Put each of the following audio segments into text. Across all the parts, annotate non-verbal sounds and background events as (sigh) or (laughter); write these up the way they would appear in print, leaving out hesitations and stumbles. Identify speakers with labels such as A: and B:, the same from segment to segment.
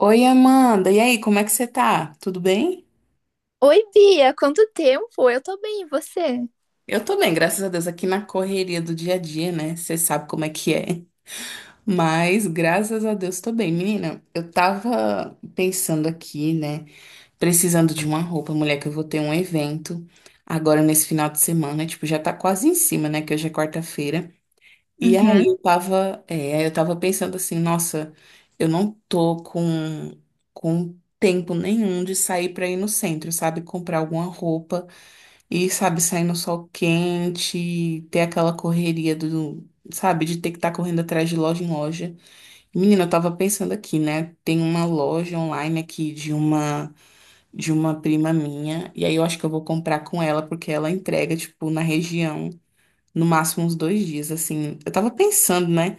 A: Oi, Amanda. E aí, como é que você tá? Tudo bem?
B: Oi, Bia, quanto tempo? Eu tô bem, e você?
A: Eu tô bem, graças a Deus, aqui na correria do dia a dia, né? Você sabe como é que é. Mas, graças a Deus, tô bem. Menina, eu tava pensando aqui, né? Precisando de uma roupa, mulher, que eu vou ter um evento agora nesse final de semana. Tipo, já tá quase em cima, né? Que hoje é quarta-feira. E aí
B: Uhum.
A: eu tava, é, aí eu tava pensando assim, nossa, eu não tô com tempo nenhum de sair pra ir no centro, sabe? Comprar alguma roupa. E, sabe, sair no sol quente, ter aquela correria do, sabe, de ter que estar correndo atrás de loja em loja. Menina, eu tava pensando aqui, né? Tem uma loja online aqui de uma prima minha, e aí eu acho que eu vou comprar com ela porque ela entrega tipo na região, no máximo uns 2 dias, assim. Eu tava pensando, né?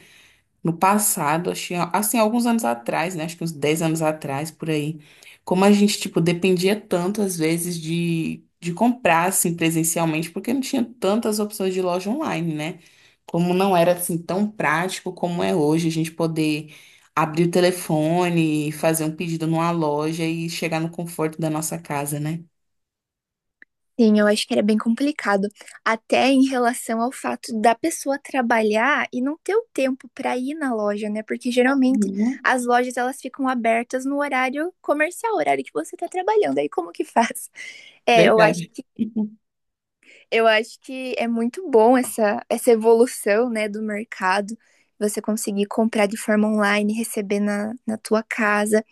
A: No passado, achei, assim, alguns anos atrás, né? Acho que uns 10 anos atrás, por aí. Como a gente, tipo, dependia tanto, às vezes, de comprar, assim, presencialmente, porque não tinha tantas opções de loja online, né? Como não era, assim, tão prático como é hoje, a gente poder abrir o telefone, fazer um pedido numa loja e chegar no conforto da nossa casa, né?
B: Sim, eu acho que era bem complicado, até em relação ao fato da pessoa trabalhar e não ter o tempo pra ir na loja, né? Porque geralmente
A: Uhum.
B: as lojas elas ficam abertas no horário comercial, horário que você tá trabalhando. Aí como que faz? (laughs) É, eu acho
A: Verdade.
B: que
A: (laughs)
B: Eu acho que é muito bom essa evolução, né, do mercado. Você conseguir comprar de forma online, receber na tua casa.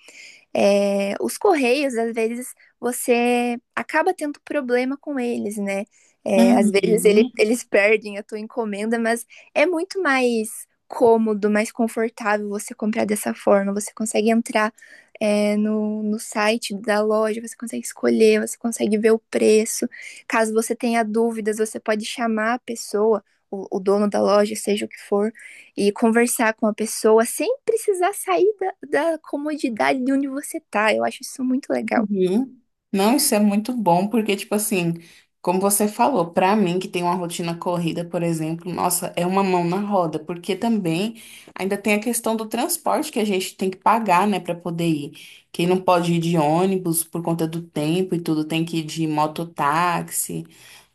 B: É, os correios, às vezes, você acaba tendo problema com eles, né? É, às vezes
A: Uhum.
B: eles perdem a tua encomenda, mas é muito mais cômodo, mais confortável você comprar dessa forma. Você consegue entrar, no site da loja, você consegue escolher, você consegue ver o preço. Caso você tenha dúvidas, você pode chamar a pessoa, o dono da loja, seja o que for, e conversar com a pessoa sem precisar sair da comodidade de onde você tá. Eu acho isso muito legal.
A: Uhum. Não, isso é muito bom, porque, tipo assim, como você falou, pra mim que tem uma rotina corrida, por exemplo, nossa, é uma mão na roda, porque também ainda tem a questão do transporte que a gente tem que pagar, né, pra poder ir. Quem não pode ir de ônibus por conta do tempo e tudo, tem que ir de mototáxi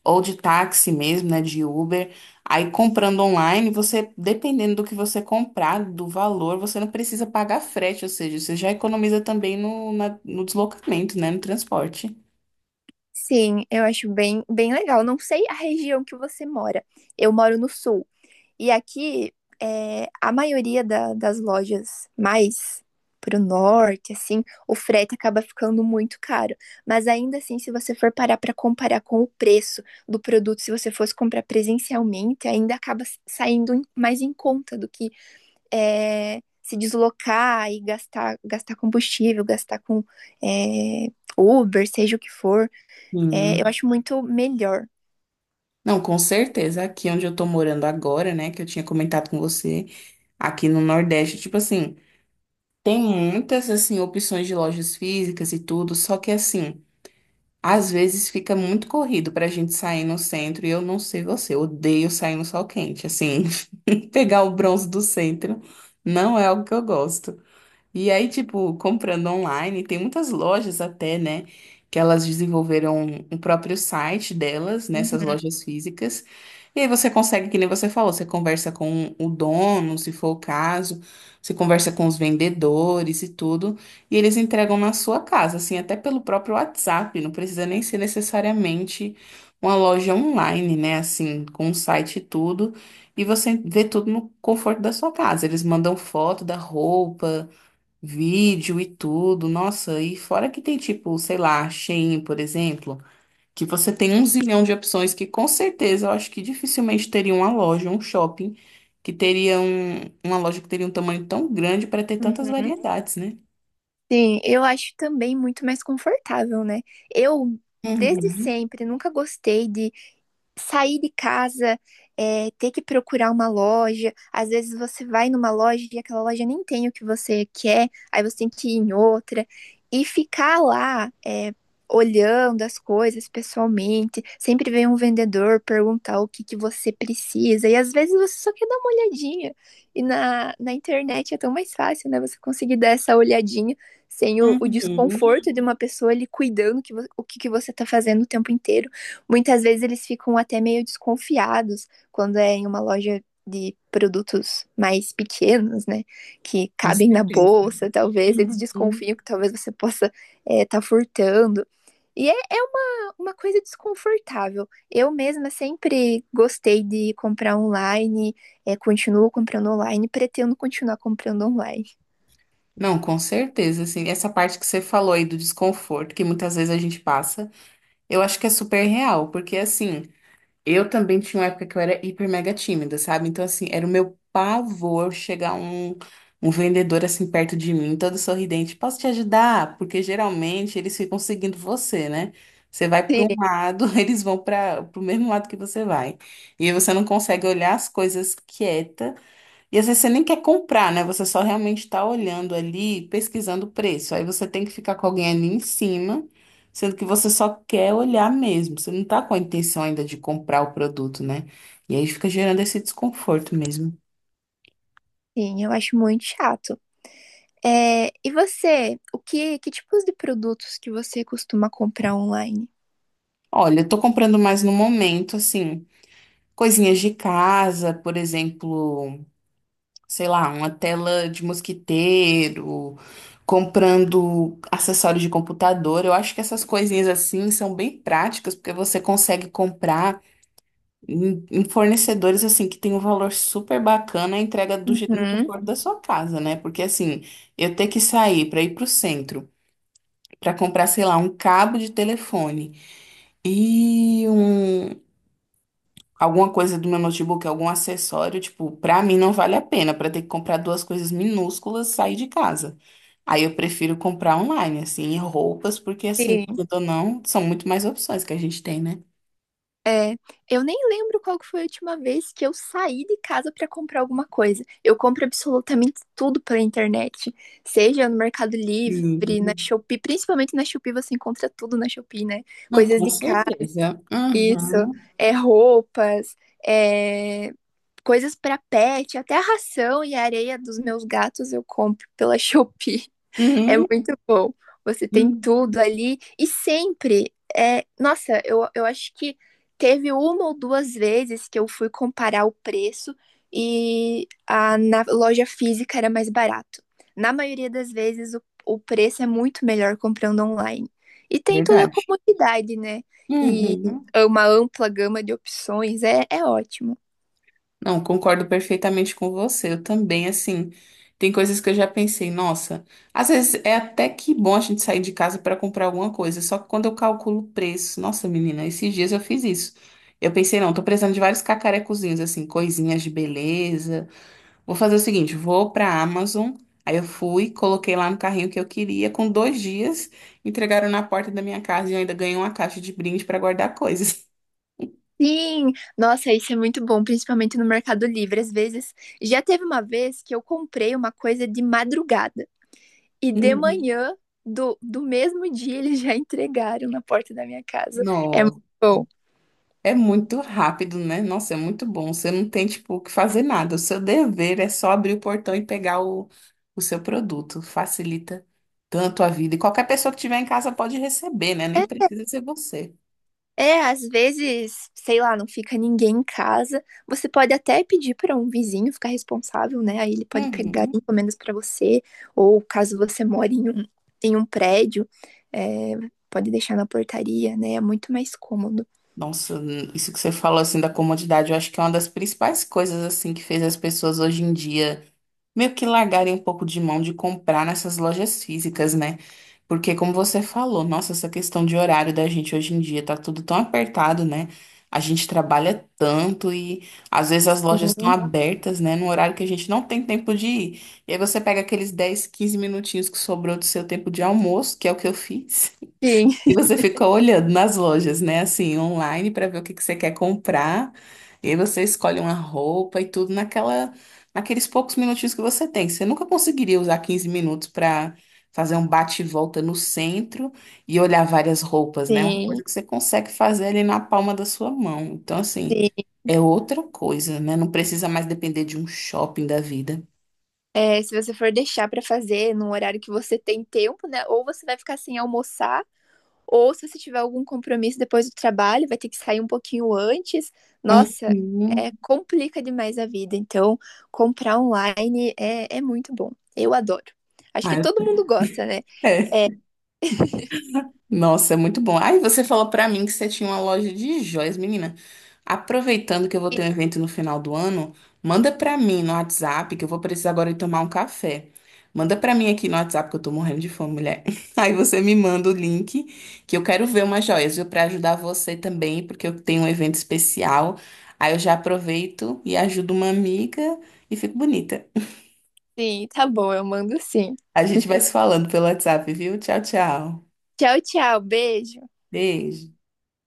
A: ou de táxi mesmo, né, de Uber. Aí comprando online, você, dependendo do que você comprar, do valor, você não precisa pagar frete, ou seja, você já economiza também no deslocamento, né, no transporte.
B: Sim, eu acho bem legal. Não sei a região que você mora. Eu moro no sul. E aqui, a maioria das lojas mais pro norte, assim, o frete acaba ficando muito caro. Mas ainda assim, se você for parar para comparar com o preço do produto, se você fosse comprar presencialmente, ainda acaba saindo mais em conta do que se deslocar e gastar, gastar combustível, gastar com é, Uber, seja o que for. É, eu
A: Sim.
B: acho muito melhor.
A: Não, com certeza, aqui onde eu tô morando agora, né, que eu tinha comentado com você, aqui no Nordeste, tipo assim, tem muitas, assim, opções de lojas físicas e tudo, só que assim, às vezes fica muito corrido pra gente sair no centro, e eu não sei você, eu odeio sair no sol quente, assim. (laughs) Pegar o bronze do centro. Não é algo que eu gosto. E aí, tipo, comprando online, tem muitas lojas até, né? Que elas desenvolveram o próprio site delas, nessas
B: Uhum,
A: lojas físicas. E aí você consegue, que nem você falou, você conversa com o dono, se for o caso, você conversa com os vendedores e tudo, e eles entregam na sua casa, assim, até pelo próprio WhatsApp, não precisa nem ser necessariamente uma loja online, né? Assim, com o site e tudo, e você vê tudo no conforto da sua casa. Eles mandam foto da roupa, vídeo e tudo. Nossa, e fora que tem tipo, sei lá, Shein, por exemplo, que você tem um zilhão de opções que com certeza eu acho que dificilmente teria uma loja, um shopping que teria uma loja que teria um tamanho tão grande para ter tantas
B: uhum.
A: variedades, né?
B: Sim, eu acho também muito mais confortável, né? Eu, desde
A: Uhum,
B: sempre, nunca gostei de sair de casa, ter que procurar uma loja. Às vezes você vai numa loja e aquela loja nem tem o que você quer, aí você tem que ir em outra. E ficar lá, olhando as coisas pessoalmente, sempre vem um vendedor perguntar o que que você precisa. E às vezes você só quer dar uma olhadinha. E na internet é tão mais fácil, né? Você conseguir dar essa olhadinha sem o
A: uhum,
B: desconforto de uma pessoa ali cuidando que, o que que você tá fazendo o tempo inteiro. Muitas vezes eles ficam até meio desconfiados quando é em uma loja de produtos mais pequenos, né? Que
A: com
B: cabem na
A: certeza.
B: bolsa, talvez eles desconfiam
A: Uhum.
B: que talvez você possa estar furtando. E é uma coisa desconfortável. Eu mesma sempre gostei de comprar online, continuo comprando online, pretendo continuar comprando online.
A: Não, com certeza, assim, essa parte que você falou aí do desconforto, que muitas vezes a gente passa, eu acho que é super real, porque assim, eu também tinha uma época que eu era hiper mega tímida, sabe? Então, assim, era o meu pavor chegar um vendedor assim perto de mim, todo sorridente. Posso te ajudar? Porque geralmente eles ficam seguindo você, né? Você vai para
B: Sim,
A: um lado, (laughs) eles vão para o mesmo lado que você vai. E aí você não consegue olhar as coisas quieta e às vezes você nem quer comprar, né? Você só realmente está olhando ali, pesquisando o preço. Aí você tem que ficar com alguém ali em cima, sendo que você só quer olhar mesmo. Você não está com a intenção ainda de comprar o produto, né? E aí fica gerando esse desconforto mesmo.
B: sim, eu acho muito chato. É, e você, que tipos de produtos que você costuma comprar online?
A: Olha, eu tô comprando mais no momento, assim, coisinhas de casa, por exemplo. Sei lá, uma tela de mosquiteiro, comprando acessórios de computador. Eu acho que essas coisinhas assim são bem práticas, porque você consegue comprar em fornecedores assim que tem um valor super bacana a entrega no
B: Uhum.
A: conforto da sua casa, né? Porque assim, eu ter que sair para ir pro centro. Para comprar, sei lá, um cabo de telefone e um alguma coisa do meu notebook, algum acessório, tipo, pra mim não vale a pena, pra ter que comprar duas coisas minúsculas, sair de casa. Aí eu prefiro comprar online, assim, e roupas, porque assim,
B: Sim.
A: querendo ou não, são muito mais opções que a gente tem, né?
B: É, eu nem lembro qual que foi a última vez que eu saí de casa para comprar alguma coisa. Eu compro absolutamente tudo pela internet, seja no Mercado Livre, na
A: Hum.
B: Shopee, principalmente na Shopee você encontra tudo na Shopee, né?
A: Não,
B: Coisas
A: com
B: de casa,
A: certeza.
B: isso,
A: Uhum.
B: é roupas, é coisas para pet, até a ração e a areia dos meus gatos eu compro pela (laughs) Shopee. É
A: Uhum.
B: muito bom. Você tem
A: Uhum.
B: tudo ali e sempre é, nossa, eu acho que teve uma ou duas vezes que eu fui comparar o preço e na loja física era mais barato. Na maioria das vezes, o preço é muito melhor comprando online. E tem toda a
A: Verdade.
B: comodidade, né? E
A: Uhum.
B: uma ampla gama de opções, é ótimo.
A: Não, concordo perfeitamente com você. Eu também, assim, tem coisas que eu já pensei, nossa, às vezes é até que bom a gente sair de casa para comprar alguma coisa, só que quando eu calculo o preço, nossa, menina, esses dias eu fiz isso. Eu pensei, não, tô precisando de vários cacarecozinhos, assim, coisinhas de beleza. Vou fazer o seguinte, vou pra Amazon. Aí eu fui, coloquei lá no carrinho que eu queria, com 2 dias, entregaram na porta da minha casa e eu ainda ganhei uma caixa de brinde para guardar coisas.
B: Sim, nossa, isso é muito bom, principalmente no Mercado Livre. Às vezes, já teve uma vez que eu comprei uma coisa de madrugada e de
A: (laughs)
B: manhã do mesmo dia eles já entregaram na porta da minha casa. É muito
A: Uhum.
B: bom.
A: É muito rápido, né? Nossa, é muito bom. Você não tem, tipo, o que fazer nada. O seu dever é só abrir o portão e pegar o seu produto. Facilita tanto a vida. E qualquer pessoa que tiver em casa pode receber, né? Nem
B: É,
A: precisa ser você.
B: às vezes, sei lá, não fica ninguém em casa. Você pode até pedir para um vizinho ficar responsável, né? Aí ele pode pegar
A: Uhum.
B: encomendas para você, ou caso você mora em um prédio, é, pode deixar na portaria, né? É muito mais cômodo.
A: Nossa, isso que você falou, assim, da comodidade, eu acho que é uma das principais coisas, assim, que fez as pessoas hoje em dia meio que largarem um pouco de mão de comprar nessas lojas físicas, né? Porque, como você falou, nossa, essa questão de horário da gente hoje em dia tá tudo tão apertado, né? A gente trabalha tanto e às vezes as lojas estão
B: Sim.
A: abertas, né? Num horário que a gente não tem tempo de ir. E aí você pega aqueles 10, 15 minutinhos que sobrou do seu tempo de almoço, que é o que eu fiz.
B: Sim,
A: E você fica olhando nas lojas, né? Assim, online para ver o que que você quer comprar. E aí você escolhe uma roupa e tudo naquela, naqueles poucos minutinhos que você tem. Você nunca conseguiria usar 15 minutos para fazer um bate e volta no centro e olhar várias roupas, né? Uma
B: sim,
A: coisa que você consegue fazer ali na palma da sua mão. Então, assim,
B: sim.
A: é outra coisa, né? Não precisa mais depender de um shopping da vida.
B: É, se você for deixar pra fazer no horário que você tem tempo, né? Ou você vai ficar sem almoçar, ou se você tiver algum compromisso depois do trabalho, vai ter que sair um pouquinho antes. Nossa,
A: Uhum.
B: complica demais a vida. Então, comprar online é muito bom. Eu adoro. Acho que
A: Ah, eu-
B: todo mundo gosta, né?
A: (laughs) É.
B: É,
A: Nossa, é muito bom. Aí você falou pra mim que você tinha uma loja de joias, menina. Aproveitando que eu vou ter um evento no final do ano, manda pra mim no WhatsApp que eu vou precisar agora de tomar um café. Manda pra mim aqui no WhatsApp que eu tô morrendo de fome, mulher. (laughs) Aí você me manda o link que eu quero ver umas joias, viu? Pra ajudar você também, porque eu tenho um evento especial. Aí eu já aproveito e ajudo uma amiga e fico bonita.
B: sim, tá bom, eu mando sim.
A: A gente vai se falando pelo WhatsApp, viu? Tchau, tchau.
B: Tchau, tchau, beijo.
A: Beijo.